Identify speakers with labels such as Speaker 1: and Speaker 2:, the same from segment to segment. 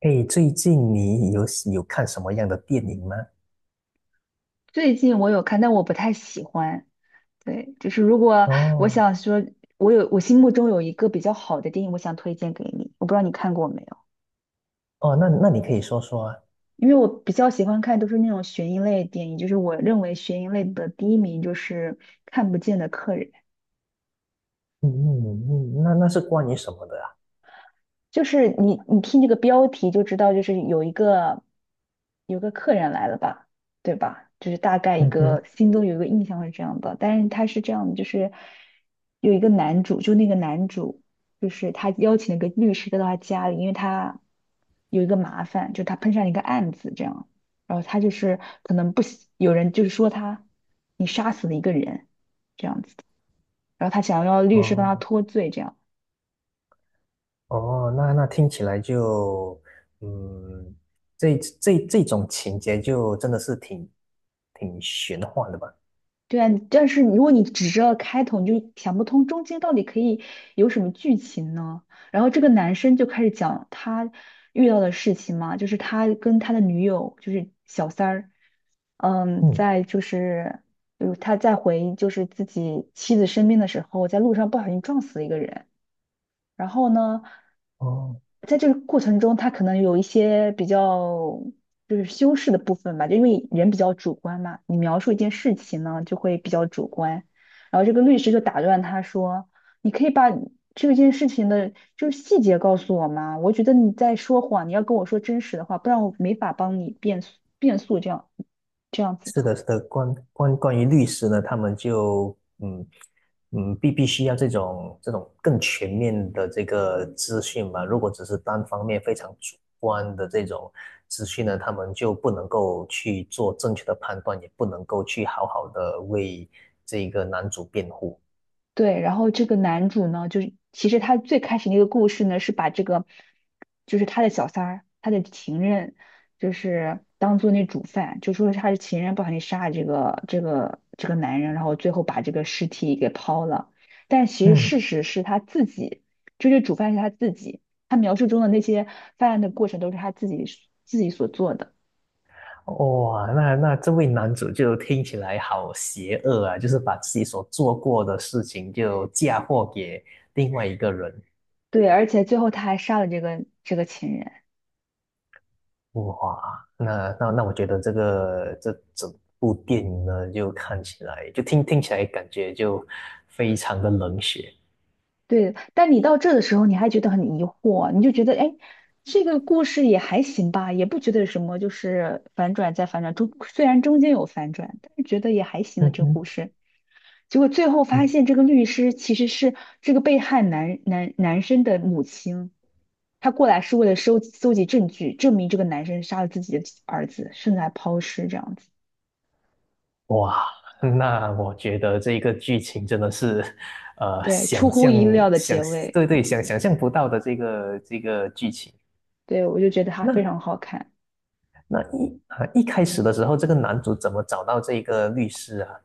Speaker 1: 哎，最近你有看什么样的电影吗？
Speaker 2: 最近我有看，但我不太喜欢。对，就是如果我
Speaker 1: 哦
Speaker 2: 想说，我有心目中有一个比较好的电影，我想推荐给你。我不知道你看过没有，
Speaker 1: 哦，那你可以说说啊。
Speaker 2: 因为我比较喜欢看都是那种悬疑类的电影，就是我认为悬疑类的第一名就是《看不见的客人》。
Speaker 1: 嗯嗯嗯，那是关于什么的啊？
Speaker 2: 就是你听这个标题就知道，就是有个客人来了吧，对吧？就是大概一
Speaker 1: 嗯
Speaker 2: 个
Speaker 1: 哼，
Speaker 2: 心中有一个印象是这样的，但是他是这样的，就是有一个男主，就那个男主，就是他邀请了一个律师到他家里，因为他有一个麻烦，就他碰上了一个案子这样，然后他就是可能不喜，有人就是说他你杀死了一个人，然后他想要律师帮他
Speaker 1: 哦
Speaker 2: 脱罪这样。
Speaker 1: 哦，那听起来就，嗯，这种情节就真的是挺玄幻的吧？
Speaker 2: 对啊，但是如果你只知道开头，你就想不通中间到底可以有什么剧情呢？然后这个男生就开始讲他遇到的事情嘛，就是他跟他的女友，就是小三儿，嗯，
Speaker 1: 嗯，
Speaker 2: 在就是，他在就是自己妻子身边的时候，在路上不小心撞死了一个人，然后呢，
Speaker 1: 哦
Speaker 2: 在这个过程中，他可能有一些比较就是修饰的部分吧，就因为人比较主观嘛，你描述一件事情呢就会比较主观。然后这个律师就打断他说：“你可以把这件事情的就是细节告诉我吗？我觉得你在说谎，你要跟我说真实的话，不然我没法帮你辩诉这样这样子
Speaker 1: 是
Speaker 2: 的。”
Speaker 1: 的，是的，关于律师呢，他们就嗯嗯，必须要这种更全面的这个资讯嘛。如果只是单方面非常主观的这种资讯呢，他们就不能够去做正确的判断，也不能够去好好的为这个男主辩护。
Speaker 2: 对，然后这个男主呢，就是其实他最开始那个故事呢，是把就是他的小三儿，他的情人，就是当做那主犯，就说他的情人不小心杀了这个男人，然后最后把这个尸体给抛了。但其实事
Speaker 1: 嗯，
Speaker 2: 实是他自己，就是主犯是他自己，他描述中的那些犯案的过程都是他自己所做的。
Speaker 1: 哇，那这位男主就听起来好邪恶啊，就是把自己所做过的事情就嫁祸给另外一个人。
Speaker 2: 对，而且最后他还杀了这个情人。
Speaker 1: 哇，那我觉得这个这整部电影呢，就看起来就听起来感觉就非常的冷血。
Speaker 2: 对，但你到这的时候，你还觉得很疑惑，你就觉得，哎，这个故事也还行吧，也不觉得有什么，就是反转再反转，虽然中间有反转，但是觉得也还行的
Speaker 1: 嗯
Speaker 2: 这个故
Speaker 1: 哼，
Speaker 2: 事。结果最后发
Speaker 1: 嗯
Speaker 2: 现，这个律师其实是这个被害男生的母亲，他过来是为了搜集证据，证明这个男生杀了自己的儿子，甚至还抛尸这样子。
Speaker 1: 哇，那我觉得这个剧情真的是，
Speaker 2: 对，出
Speaker 1: 想
Speaker 2: 乎
Speaker 1: 象
Speaker 2: 意料的
Speaker 1: 想
Speaker 2: 结尾。
Speaker 1: 对对想象不到的这个这个剧情。
Speaker 2: 对，我就觉得他非
Speaker 1: 那
Speaker 2: 常好看。
Speaker 1: 一开始的时候，这个男主怎么找到这个律师啊？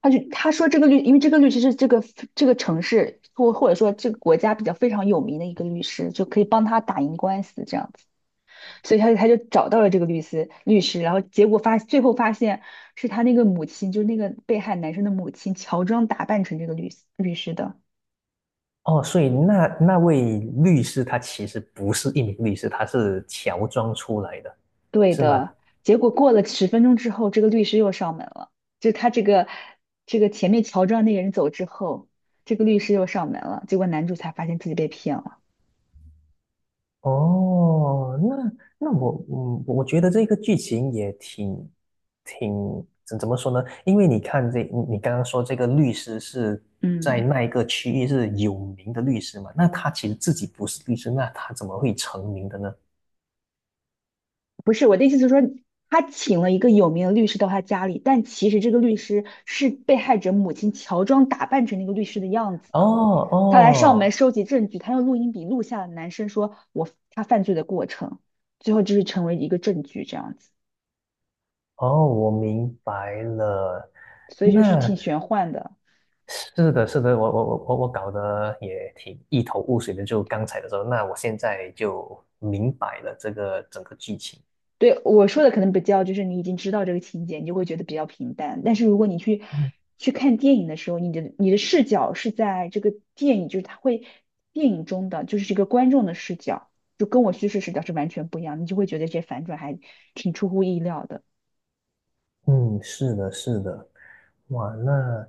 Speaker 2: 他说这个律，因为这个律师是这个城市或者说这个国家比较非常有名的一个律师，就可以帮他打赢官司这样子，所以他就找到了这个律师，然后结果发最后发现是他那个母亲，就是那个被害男生的母亲乔装打扮成这个律师的，
Speaker 1: 哦，所以那位律师他其实不是一名律师，他是乔装出来的，
Speaker 2: 对
Speaker 1: 是吗？
Speaker 2: 的。结果过了十分钟之后，这个律师又上门了，就他这个这个前面乔装那个人走之后，这个律师又上门了，结果男主才发现自己被骗了，
Speaker 1: 哦，那那我我觉得这个剧情也挺怎么说呢？因为你看这你刚刚说这个律师是在
Speaker 2: 嗯。
Speaker 1: 那一个区域是有名的律师嘛，那他其实自己不是律师，那他怎么会成名的呢？
Speaker 2: 不是，我的意思是说，他请了一个有名的律师到他家里，但其实这个律师是被害者母亲乔装打扮成那个律师的样子
Speaker 1: 哦
Speaker 2: 的。他来上门
Speaker 1: 哦
Speaker 2: 收集证据，他用录音笔录下了男生说他犯罪的过程，最后就是成为一个证据这样子，
Speaker 1: 哦，我明白了。
Speaker 2: 所以就是挺
Speaker 1: 那
Speaker 2: 玄幻的。
Speaker 1: 是的，是的，我搞得也挺一头雾水的，就刚才的时候，那我现在就明白了这个整个剧情。
Speaker 2: 对，我说的可能比较就是你已经知道这个情节，你就会觉得比较平淡。但是如果你
Speaker 1: 嗯，
Speaker 2: 去看电影的时候，你的视角是在这个电影，就是它会电影中的就是这个观众的视角，就跟我叙事视角是完全不一样的，你就会觉得这些反转还挺出乎意料的。
Speaker 1: 嗯，是的，是的，哇，那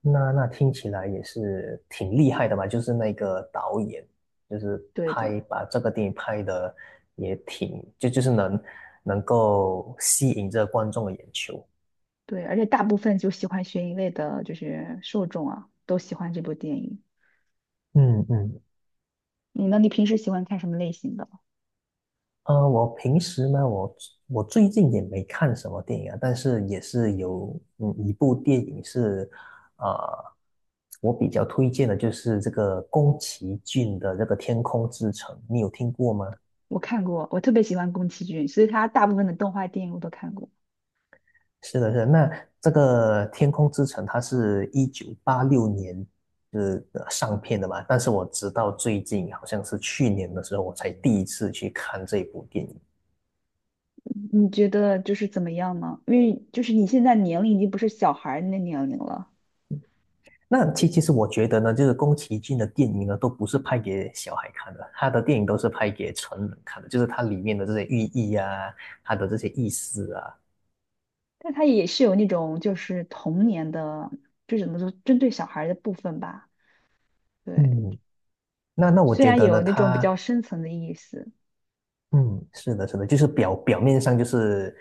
Speaker 1: 那听起来也是挺厉害的嘛，就是那个导演，就是
Speaker 2: 对的。
Speaker 1: 拍把这个电影拍的也挺，就就是能够吸引这观众的眼球。
Speaker 2: 对，而且大部分就喜欢悬疑类的，就是受众啊，都喜欢这部电影。
Speaker 1: 嗯嗯
Speaker 2: 你呢？你平时喜欢看什么类型的？
Speaker 1: 我平时呢，我我最近也没看什么电影啊，但是也是有嗯一部电影是，呃，我比较推荐的就是这个宫崎骏的这个《天空之城》，你有听过吗？
Speaker 2: 我看过，我特别喜欢宫崎骏，所以他大部分的动画电影我都看过。
Speaker 1: 是的，是的。那这个《天空之城》它是1986年是上片的嘛，但是我直到最近好像是去年的时候，我才第一次去看这部电影。
Speaker 2: 你觉得就是怎么样呢？因为就是你现在年龄已经不是小孩儿那年龄了，
Speaker 1: 那其实我觉得呢，就是宫崎骏的电影呢，都不是拍给小孩看的，他的电影都是拍给成人看的，就是它里面的这些寓意啊，它的这些意思啊，
Speaker 2: 但他也是有那种就是童年的，就怎么说针对小孩儿的部分吧。对，
Speaker 1: 嗯，那那我
Speaker 2: 虽
Speaker 1: 觉
Speaker 2: 然
Speaker 1: 得
Speaker 2: 有
Speaker 1: 呢，
Speaker 2: 那种比较
Speaker 1: 他
Speaker 2: 深层的意思，
Speaker 1: 嗯，是的，是的，就是表面上就是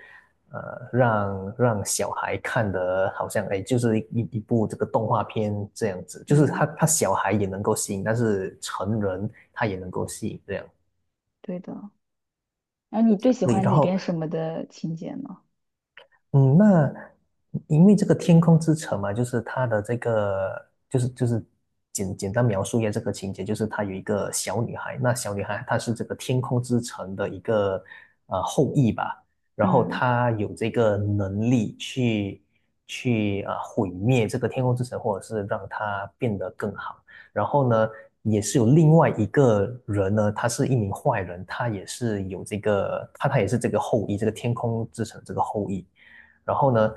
Speaker 1: 让小孩看的好像哎，就是一部这个动画片这样子，就是他
Speaker 2: 嗯，
Speaker 1: 他小孩也能够吸引，但是成人他也能够吸引这样，
Speaker 2: 对的。然后你最喜
Speaker 1: 对，
Speaker 2: 欢
Speaker 1: 然
Speaker 2: 里
Speaker 1: 后。
Speaker 2: 边什么的情节呢？
Speaker 1: 嗯，那因为这个《天空之城》嘛，就是它的这个，就是简单描述一下这个情节，就是她有一个小女孩，那小女孩她是这个天空之城的一个后裔吧，然后
Speaker 2: 嗯。
Speaker 1: 她有这个能力去去毁灭这个天空之城，或者是让它变得更好。然后呢，也是有另外一个人呢，他是一名坏人，他也是有这个，他也是这个后裔，这个天空之城这个后裔。然后呢，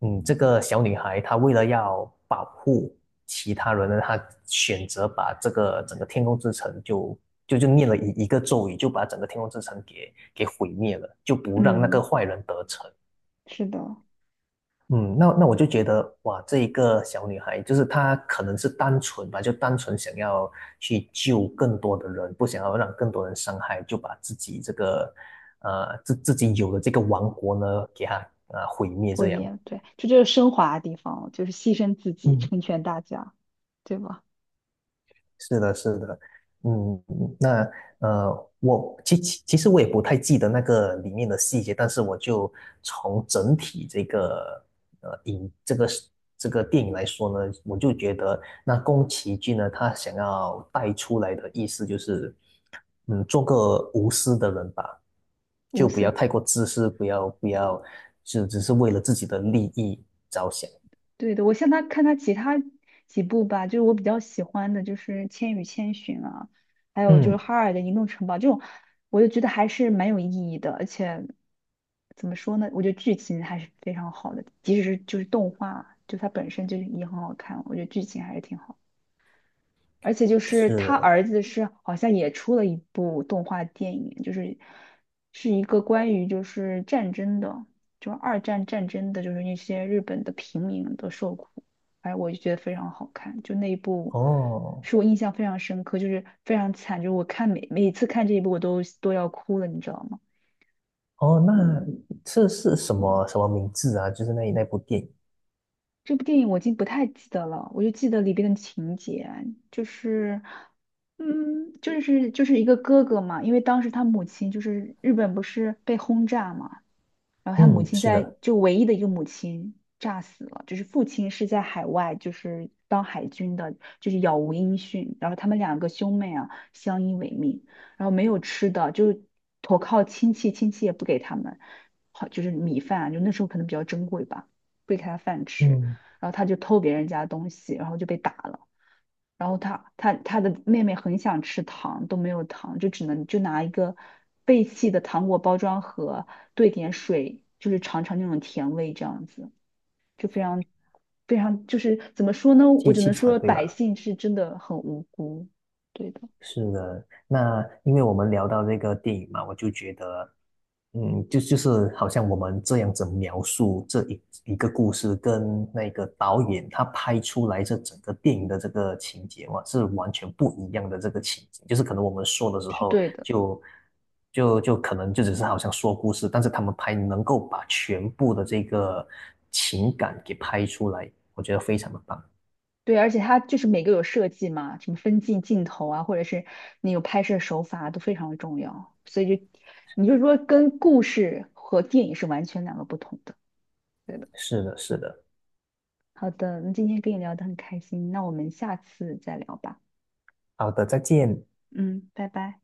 Speaker 1: 嗯，这个小女孩她为了要保护其他人呢，她选择把这个整个天空之城就念了一个咒语，就把整个天空之城给毁灭了，就不让那个
Speaker 2: 嗯，
Speaker 1: 坏人得逞。
Speaker 2: 是的。
Speaker 1: 嗯，那那我就觉得哇，这一个小女孩就是她可能是单纯吧，就单纯想要去救更多的人，不想要让更多人伤害，就把自己这个呃自自己有的这个王国呢给她毁灭
Speaker 2: 毁
Speaker 1: 这样。
Speaker 2: 灭，对，这就是升华的地方，就是牺牲自己，
Speaker 1: 嗯，
Speaker 2: 成全大家，对吧？
Speaker 1: 是的，是的，嗯，那我其实我也不太记得那个里面的细节，但是我就从整体这个这个是这个电影来说呢，我就觉得那宫崎骏呢，他想要带出来的意思就是，嗯，做个无私的人吧，
Speaker 2: 无
Speaker 1: 就不要
Speaker 2: 私。
Speaker 1: 太过自私，不要就只是为了自己的利益着想。
Speaker 2: 对的，我像他看他其他几部吧，就是我比较喜欢的，就是《千与千寻》啊，还有就是
Speaker 1: 嗯，
Speaker 2: 《哈尔的移动城堡》这种，我就觉得还是蛮有意义的，而且怎么说呢，我觉得剧情还是非常好的，即使是就是动画，就它本身就已经很好看了，我觉得剧情还是挺好。而且就是
Speaker 1: 是
Speaker 2: 他
Speaker 1: 的，
Speaker 2: 儿子是好像也出了一部动画电影，就是是一个关于就是战争的，就二战战争的，就是那些日本的平民的受苦，哎，我就觉得非常好看，就那一部
Speaker 1: 哦。
Speaker 2: 是我印象非常深刻，就是非常惨，就是我看每一次看这一部我都要哭了，你知道吗？
Speaker 1: 哦，那这是什么什么名字啊？就是那那部电影，
Speaker 2: 这部电影我已经不太记得了，我就记得里边的情节，就是，嗯，就是一个哥哥嘛，因为当时他母亲日本不是被轰炸嘛，然后他母
Speaker 1: 嗯，
Speaker 2: 亲
Speaker 1: 是的，
Speaker 2: 唯一的一个母亲炸死了，就是父亲是在海外，就是当海军的，就是杳无音讯。然后他们两个兄妹啊，相依为命，然后没有吃的，就投靠亲戚，亲戚也不给他们，好就是米饭啊就那时候可能比较珍贵吧，不给他饭吃。
Speaker 1: 嗯，
Speaker 2: 然后他就偷别人家东西，然后就被打了。然后他的妹妹很想吃糖，都没有糖，就只能就拿一个废弃的糖果包装盒兑点水，就是尝尝那种甜味，这样子就非常就是怎么说呢？我
Speaker 1: 机
Speaker 2: 只
Speaker 1: 器
Speaker 2: 能
Speaker 1: 厂
Speaker 2: 说
Speaker 1: 对
Speaker 2: 百
Speaker 1: 吧？
Speaker 2: 姓是真的很无辜，对的。
Speaker 1: 是的，那因为我们聊到这个电影嘛，我就觉得，嗯，就就是好像我们这样子描述这一个故事，跟那个导演他拍出来这整个电影的这个情节嘛，是完全不一样的这个情节。就是可能我们说的时
Speaker 2: 是
Speaker 1: 候
Speaker 2: 对的。
Speaker 1: 就，就就可能就只是好像说故事，但是他们拍能够把全部的这个情感给拍出来，我觉得非常的棒。
Speaker 2: 对，而且它就是每个有设计嘛，什么分镜镜头啊，或者是你有拍摄手法都非常的重要，所以就你就说跟故事和电影是完全两个不同的，对的。
Speaker 1: 是的，是的。
Speaker 2: 好的，那今天跟你聊得很开心，那我们下次再聊吧。
Speaker 1: 好的，再见。
Speaker 2: 嗯，拜拜。